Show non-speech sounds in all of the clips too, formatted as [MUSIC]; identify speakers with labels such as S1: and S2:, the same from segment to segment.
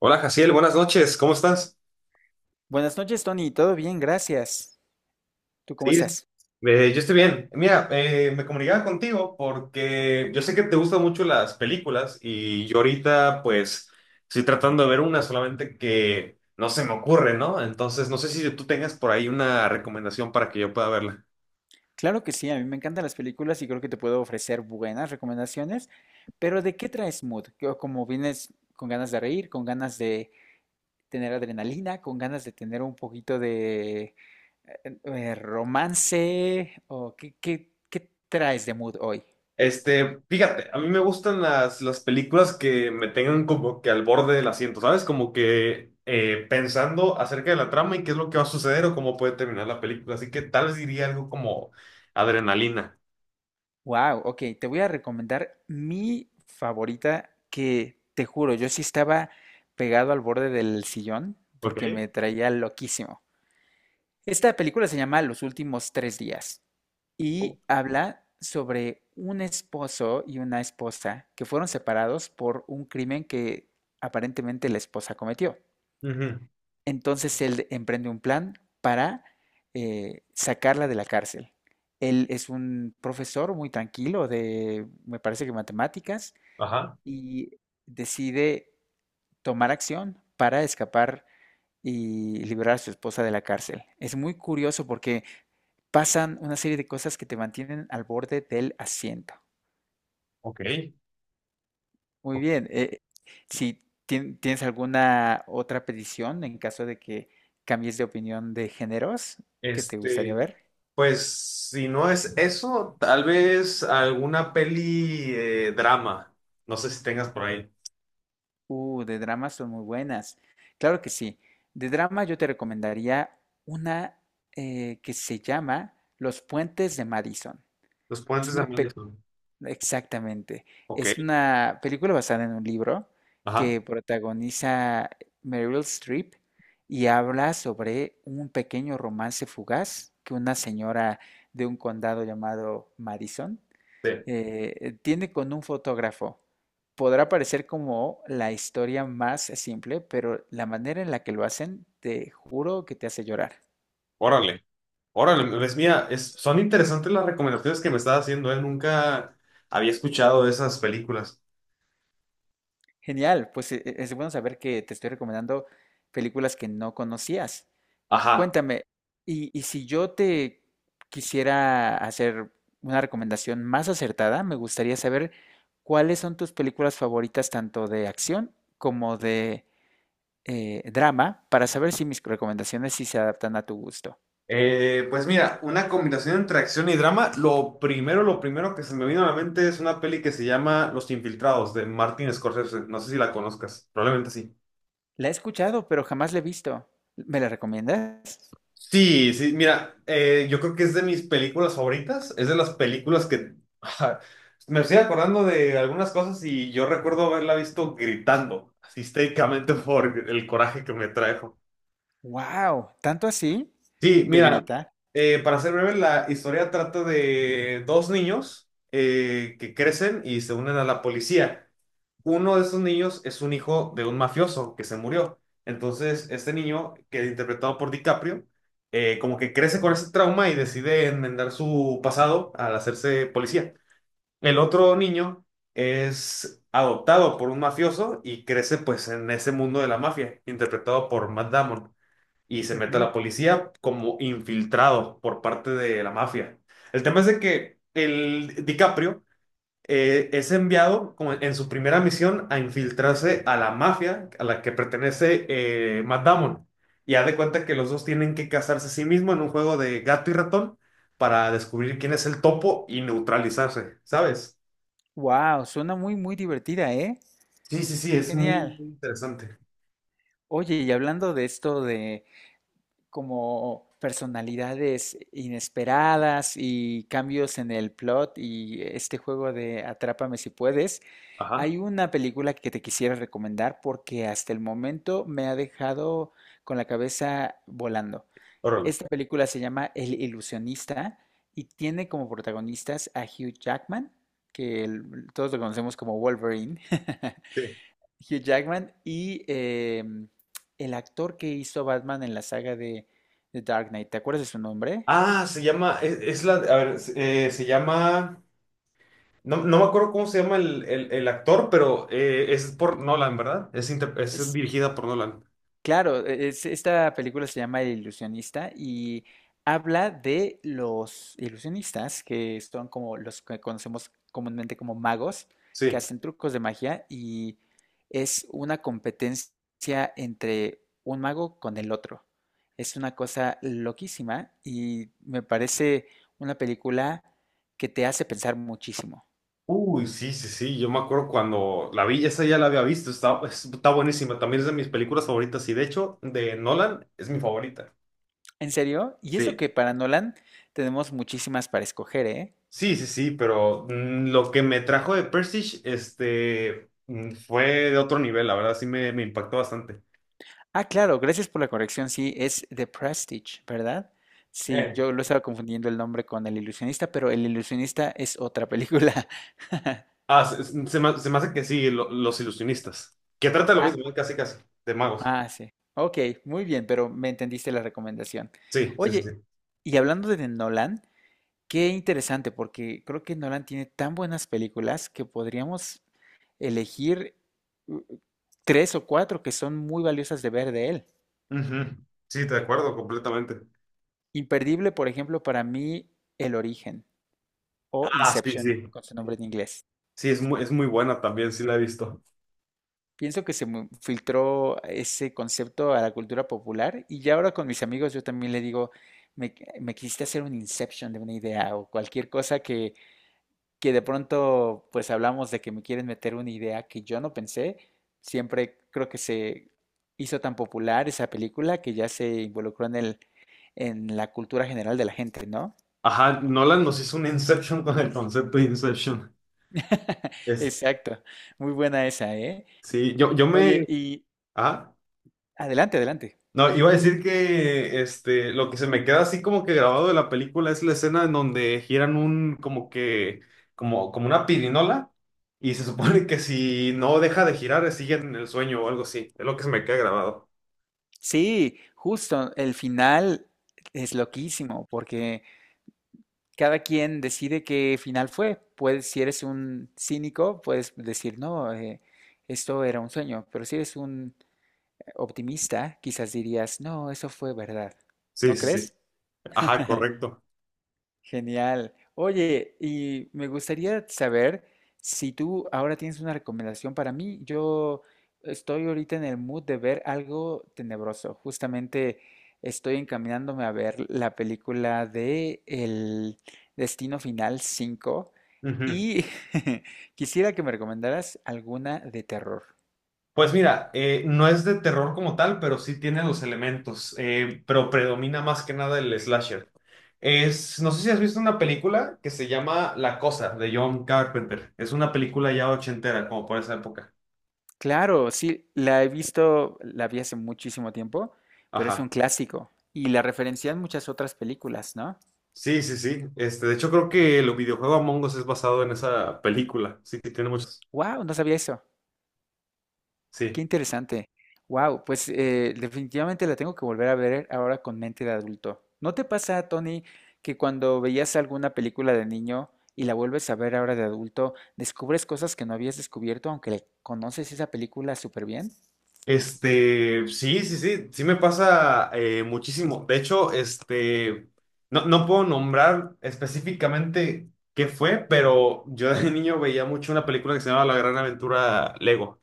S1: Hola, Jaciel, buenas noches, ¿cómo estás?
S2: Buenas noches, Tony. Todo bien, gracias. ¿Tú cómo
S1: Sí,
S2: estás?
S1: yo estoy bien. Mira, me comunicaba contigo porque yo sé que te gustan mucho las películas y yo ahorita pues estoy tratando de ver una, solamente que no se me ocurre, ¿no? Entonces no sé si tú tengas por ahí una recomendación para que yo pueda verla.
S2: Claro que sí, a mí me encantan las películas y creo que te puedo ofrecer buenas recomendaciones, pero ¿de qué traes mood? Como vienes con ganas de reír, con ganas de tener adrenalina, con ganas de tener un poquito de romance, o qué traes de mood hoy?
S1: Este, fíjate, a mí me gustan las películas que me tengan como que al borde del asiento, ¿sabes? Como que pensando acerca de la trama y qué es lo que va a suceder o cómo puede terminar la película. Así que tal vez diría algo como adrenalina.
S2: Wow, ok, te voy a recomendar mi favorita que te juro, yo sí estaba pegado al borde del sillón porque
S1: Ok.
S2: me traía loquísimo. Esta película se llama Los Últimos Tres Días
S1: U-
S2: y habla sobre un esposo y una esposa que fueron separados por un crimen que aparentemente la esposa cometió.
S1: Ujú.
S2: Entonces él emprende un plan para sacarla de la cárcel. Él es un profesor muy tranquilo de, me parece que matemáticas,
S1: Ajá.
S2: y decide tomar acción para escapar y liberar a su esposa de la cárcel. Es muy curioso porque pasan una serie de cosas que te mantienen al borde del asiento.
S1: Ok.
S2: Muy
S1: Ok.
S2: bien. Si tien- ¿Tienes alguna otra petición en caso de que cambies de opinión de géneros que te gustaría
S1: Este,
S2: ver?
S1: pues si no es eso, tal vez alguna peli drama. No sé si tengas por ahí.
S2: De dramas son muy buenas. Claro que sí. De drama yo te recomendaría una que se llama Los Puentes de Madison.
S1: Los
S2: Es
S1: puentes de
S2: una, pe-
S1: Madison.
S2: Exactamente.
S1: Ok.
S2: Es una película basada en un libro
S1: Ajá.
S2: que protagoniza Meryl Streep y habla sobre un pequeño romance fugaz que una señora de un condado llamado Madison
S1: Sí.
S2: tiene con un fotógrafo. Podrá parecer como la historia más simple, pero la manera en la que lo hacen, te juro que te hace llorar.
S1: Órale. Órale, ves, mira, son interesantes las recomendaciones que me estás haciendo, ¿eh? Nunca había escuchado de esas películas.
S2: Genial, pues es bueno saber que te estoy recomendando películas que no conocías.
S1: Ajá.
S2: Cuéntame, y si yo te quisiera hacer una recomendación más acertada, me gustaría saber cuáles son tus películas favoritas, tanto de acción como de drama, para saber si mis recomendaciones sí se adaptan a tu gusto.
S1: Pues mira, una combinación entre acción y drama. Lo primero que se me vino a la mente es una peli que se llama Los Infiltrados de Martin Scorsese. No sé si la conozcas, probablemente sí.
S2: La he escuchado, pero jamás la he visto. ¿Me la recomiendas?
S1: Sí, sí, mira, yo creo que es de mis películas favoritas, es de las películas que [LAUGHS] me estoy acordando de algunas cosas y yo recuerdo haberla visto gritando, así histéricamente [LAUGHS] por el coraje que me trajo.
S2: ¡Wow! ¿Tanto así?
S1: Sí,
S2: De
S1: mira,
S2: gritar.
S1: para ser breve, la historia trata de dos niños que crecen y se unen a la policía. Uno de esos niños es un hijo de un mafioso que se murió. Entonces, este niño, que es interpretado por DiCaprio, como que crece con ese trauma y decide enmendar su pasado al hacerse policía. El otro niño es adoptado por un mafioso y crece pues en ese mundo de la mafia, interpretado por Matt Damon y se mete a la policía como infiltrado por parte de la mafia. El tema es de que el DiCaprio es enviado como en su primera misión a infiltrarse a la mafia a la que pertenece Matt Damon. Y haz de cuenta que los dos tienen que casarse a sí mismos en un juego de gato y ratón para descubrir quién es el topo y neutralizarse, ¿sabes?
S2: ¡Wow! Suena muy, muy divertida, ¿eh?
S1: Sí, sí, sí,
S2: ¡Qué
S1: es muy,
S2: genial!
S1: muy interesante.
S2: Oye, y hablando de esto de como personalidades inesperadas y cambios en el plot y este juego de Atrápame Si Puedes.
S1: Ajá,
S2: Hay una película que te quisiera recomendar porque hasta el momento me ha dejado con la cabeza volando.
S1: órale.
S2: Esta película se llama El Ilusionista y tiene como protagonistas a Hugh Jackman, todos lo conocemos como Wolverine, [LAUGHS]
S1: Sí.
S2: Hugh Jackman y el actor que hizo Batman en la saga de Dark Knight. ¿Te acuerdas de su nombre?
S1: Ah, se llama, es la, a ver, se llama No, no me acuerdo cómo se llama el actor, pero es por Nolan, ¿verdad? Es
S2: Es
S1: dirigida por Nolan.
S2: Claro, esta película se llama El Ilusionista y habla de los ilusionistas, que son como los que conocemos comúnmente como magos, que
S1: Sí.
S2: hacen trucos de magia y es una competencia entre un mago con el otro. Es una cosa loquísima y me parece una película que te hace pensar muchísimo.
S1: Uy, sí, sí, sí. Yo me acuerdo cuando la vi, esa ya la había visto. Está buenísima. También es de mis películas favoritas y de hecho, de Nolan es mi favorita.
S2: ¿En serio? Y eso
S1: Sí.
S2: que para Nolan tenemos muchísimas para escoger, ¿eh?
S1: Sí, sí, sí, pero lo que me trajo de Prestige, este, fue de otro nivel, la verdad, me impactó bastante.
S2: Ah, claro, gracias por la corrección. Sí, es The Prestige, ¿verdad? Sí,
S1: Eh.
S2: yo lo estaba confundiendo el nombre con El Ilusionista, pero El Ilusionista es otra película. [LAUGHS]
S1: Ah, se me hace que sí, los ilusionistas. Que trata lo
S2: Ah,
S1: mismo, ¿no? Casi, casi, de magos.
S2: ah, sí. Ok, muy bien, pero me entendiste la recomendación.
S1: Sí, sí, sí.
S2: Oye, y hablando de Nolan, qué interesante, porque creo que Nolan tiene tan buenas películas que podríamos elegir uh, tres o cuatro que son muy valiosas de ver de él.
S1: Ujú. Sí, te acuerdo, completamente.
S2: Imperdible, por ejemplo, para mí, El Origen, o
S1: Ah, sí,
S2: Inception
S1: sí.
S2: con su nombre en inglés.
S1: Sí, es muy buena también, sí la he visto.
S2: Pienso que filtró ese concepto a la cultura popular y ya ahora con mis amigos yo también le digo, me, me quisiste hacer un Inception de una idea o cualquier cosa que de pronto pues hablamos de que me quieren meter una idea que yo no pensé. Siempre creo que se hizo tan popular esa película que ya se involucró en el, en la cultura general de la gente, ¿no?
S1: Ajá, Nolan nos hizo un Inception con el concepto de Inception.
S2: [LAUGHS]
S1: Es,
S2: Exacto. Muy buena esa, ¿eh?
S1: sí, yo
S2: Oye,
S1: me...
S2: y
S1: Ah,
S2: adelante, adelante.
S1: no, iba a decir que este, lo que se me queda así como que grabado de la película es la escena en donde giran un, como que, como una pirinola y se supone que si no deja de girar, siguen en el sueño o algo así. Es lo que se me queda grabado.
S2: Sí, justo, el final es loquísimo porque cada quien decide qué final fue. Puedes, si eres un cínico, puedes decir, no, esto era un sueño, pero si eres un optimista, quizás dirías, no, eso fue verdad.
S1: Sí,
S2: ¿No
S1: sí, sí.
S2: crees? [LAUGHS]
S1: Ajá, correcto.
S2: Genial. Oye, y me gustaría saber si tú ahora tienes una recomendación para mí. Yo estoy ahorita en el mood de ver algo tenebroso. Justamente estoy encaminándome a ver la película de El Destino Final 5
S1: Ujú.
S2: y [LAUGHS] quisiera que me recomendaras alguna de terror.
S1: Pues mira, no es de terror como tal, pero sí tiene los elementos, pero predomina más que nada el slasher. Es, no sé si has visto una película que se llama La Cosa de John Carpenter. Es una película ya ochentera, como por esa época.
S2: Claro, sí, la he visto, la vi hace muchísimo tiempo, pero es un
S1: Ajá.
S2: clásico y la referencian muchas otras películas, ¿no?
S1: Sí, sí, sí. Este, de hecho, creo que el videojuego Among Us es basado en esa película. Sí, que tiene muchos.
S2: Wow, no sabía eso. Qué
S1: Sí.
S2: interesante. Wow, pues definitivamente la tengo que volver a ver ahora con mente de adulto. ¿No te pasa, Tony, que cuando veías alguna película de niño y la vuelves a ver ahora de adulto, descubres cosas que no habías descubierto aunque le conoces esa película súper bien?
S1: Este, sí, sí, sí, sí me pasa muchísimo. De hecho, este, no, no puedo nombrar específicamente qué fue, pero yo de [LAUGHS] niño veía mucho una película que se llamaba La Gran Aventura Lego.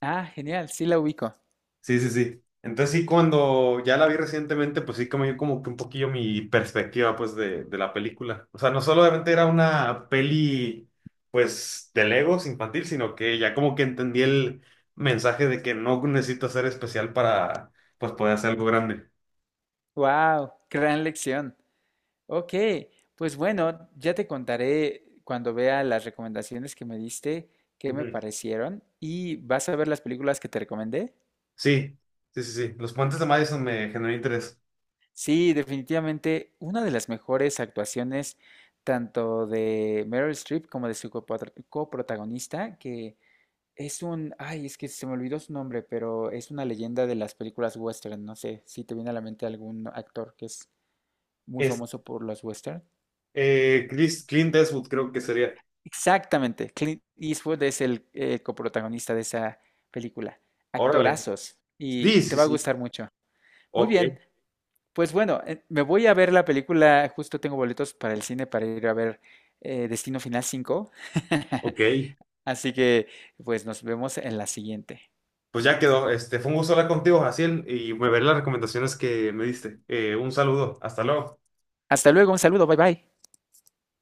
S2: Ah, genial, sí la ubico.
S1: Sí, sí, sí. Entonces sí, cuando ya la vi recientemente, pues sí cambió como que un poquillo mi perspectiva, pues, de la película. O sea, no solamente era una peli, pues, de Legos infantil, sino que ya como que entendí el mensaje de que no necesito ser especial para, pues, poder hacer algo grande.
S2: Wow, gran lección. Ok, pues bueno, ya te contaré cuando vea las recomendaciones que me diste, qué me
S1: Ujú.
S2: parecieron y vas a ver las películas que te recomendé.
S1: Sí, sí, sí, sí. Los puentes de Madison me generó interés.
S2: Sí, definitivamente una de las mejores actuaciones tanto de Meryl Streep como de su coprotagonista, que es un, ay, es que se me olvidó su nombre, pero es una leyenda de las películas western. No sé si te viene a la mente algún actor que es muy
S1: Es,
S2: famoso por los western.
S1: Clint Eastwood creo que sería.
S2: Exactamente, Clint Eastwood es el coprotagonista de esa película.
S1: Órale.
S2: Actorazos, y
S1: Sí,
S2: te
S1: sí,
S2: va a
S1: sí.
S2: gustar mucho. Muy
S1: Ok,
S2: bien. Pues bueno, me voy a ver la película, justo tengo boletos para el cine para ir a ver Destino Final 5. [LAUGHS]
S1: ok.
S2: Así que pues nos vemos en la siguiente.
S1: Pues ya quedó. Este, fue un gusto hablar contigo, Jaciel, y me veré las recomendaciones que me diste. Un saludo. Hasta luego.
S2: Hasta luego, un saludo, bye bye.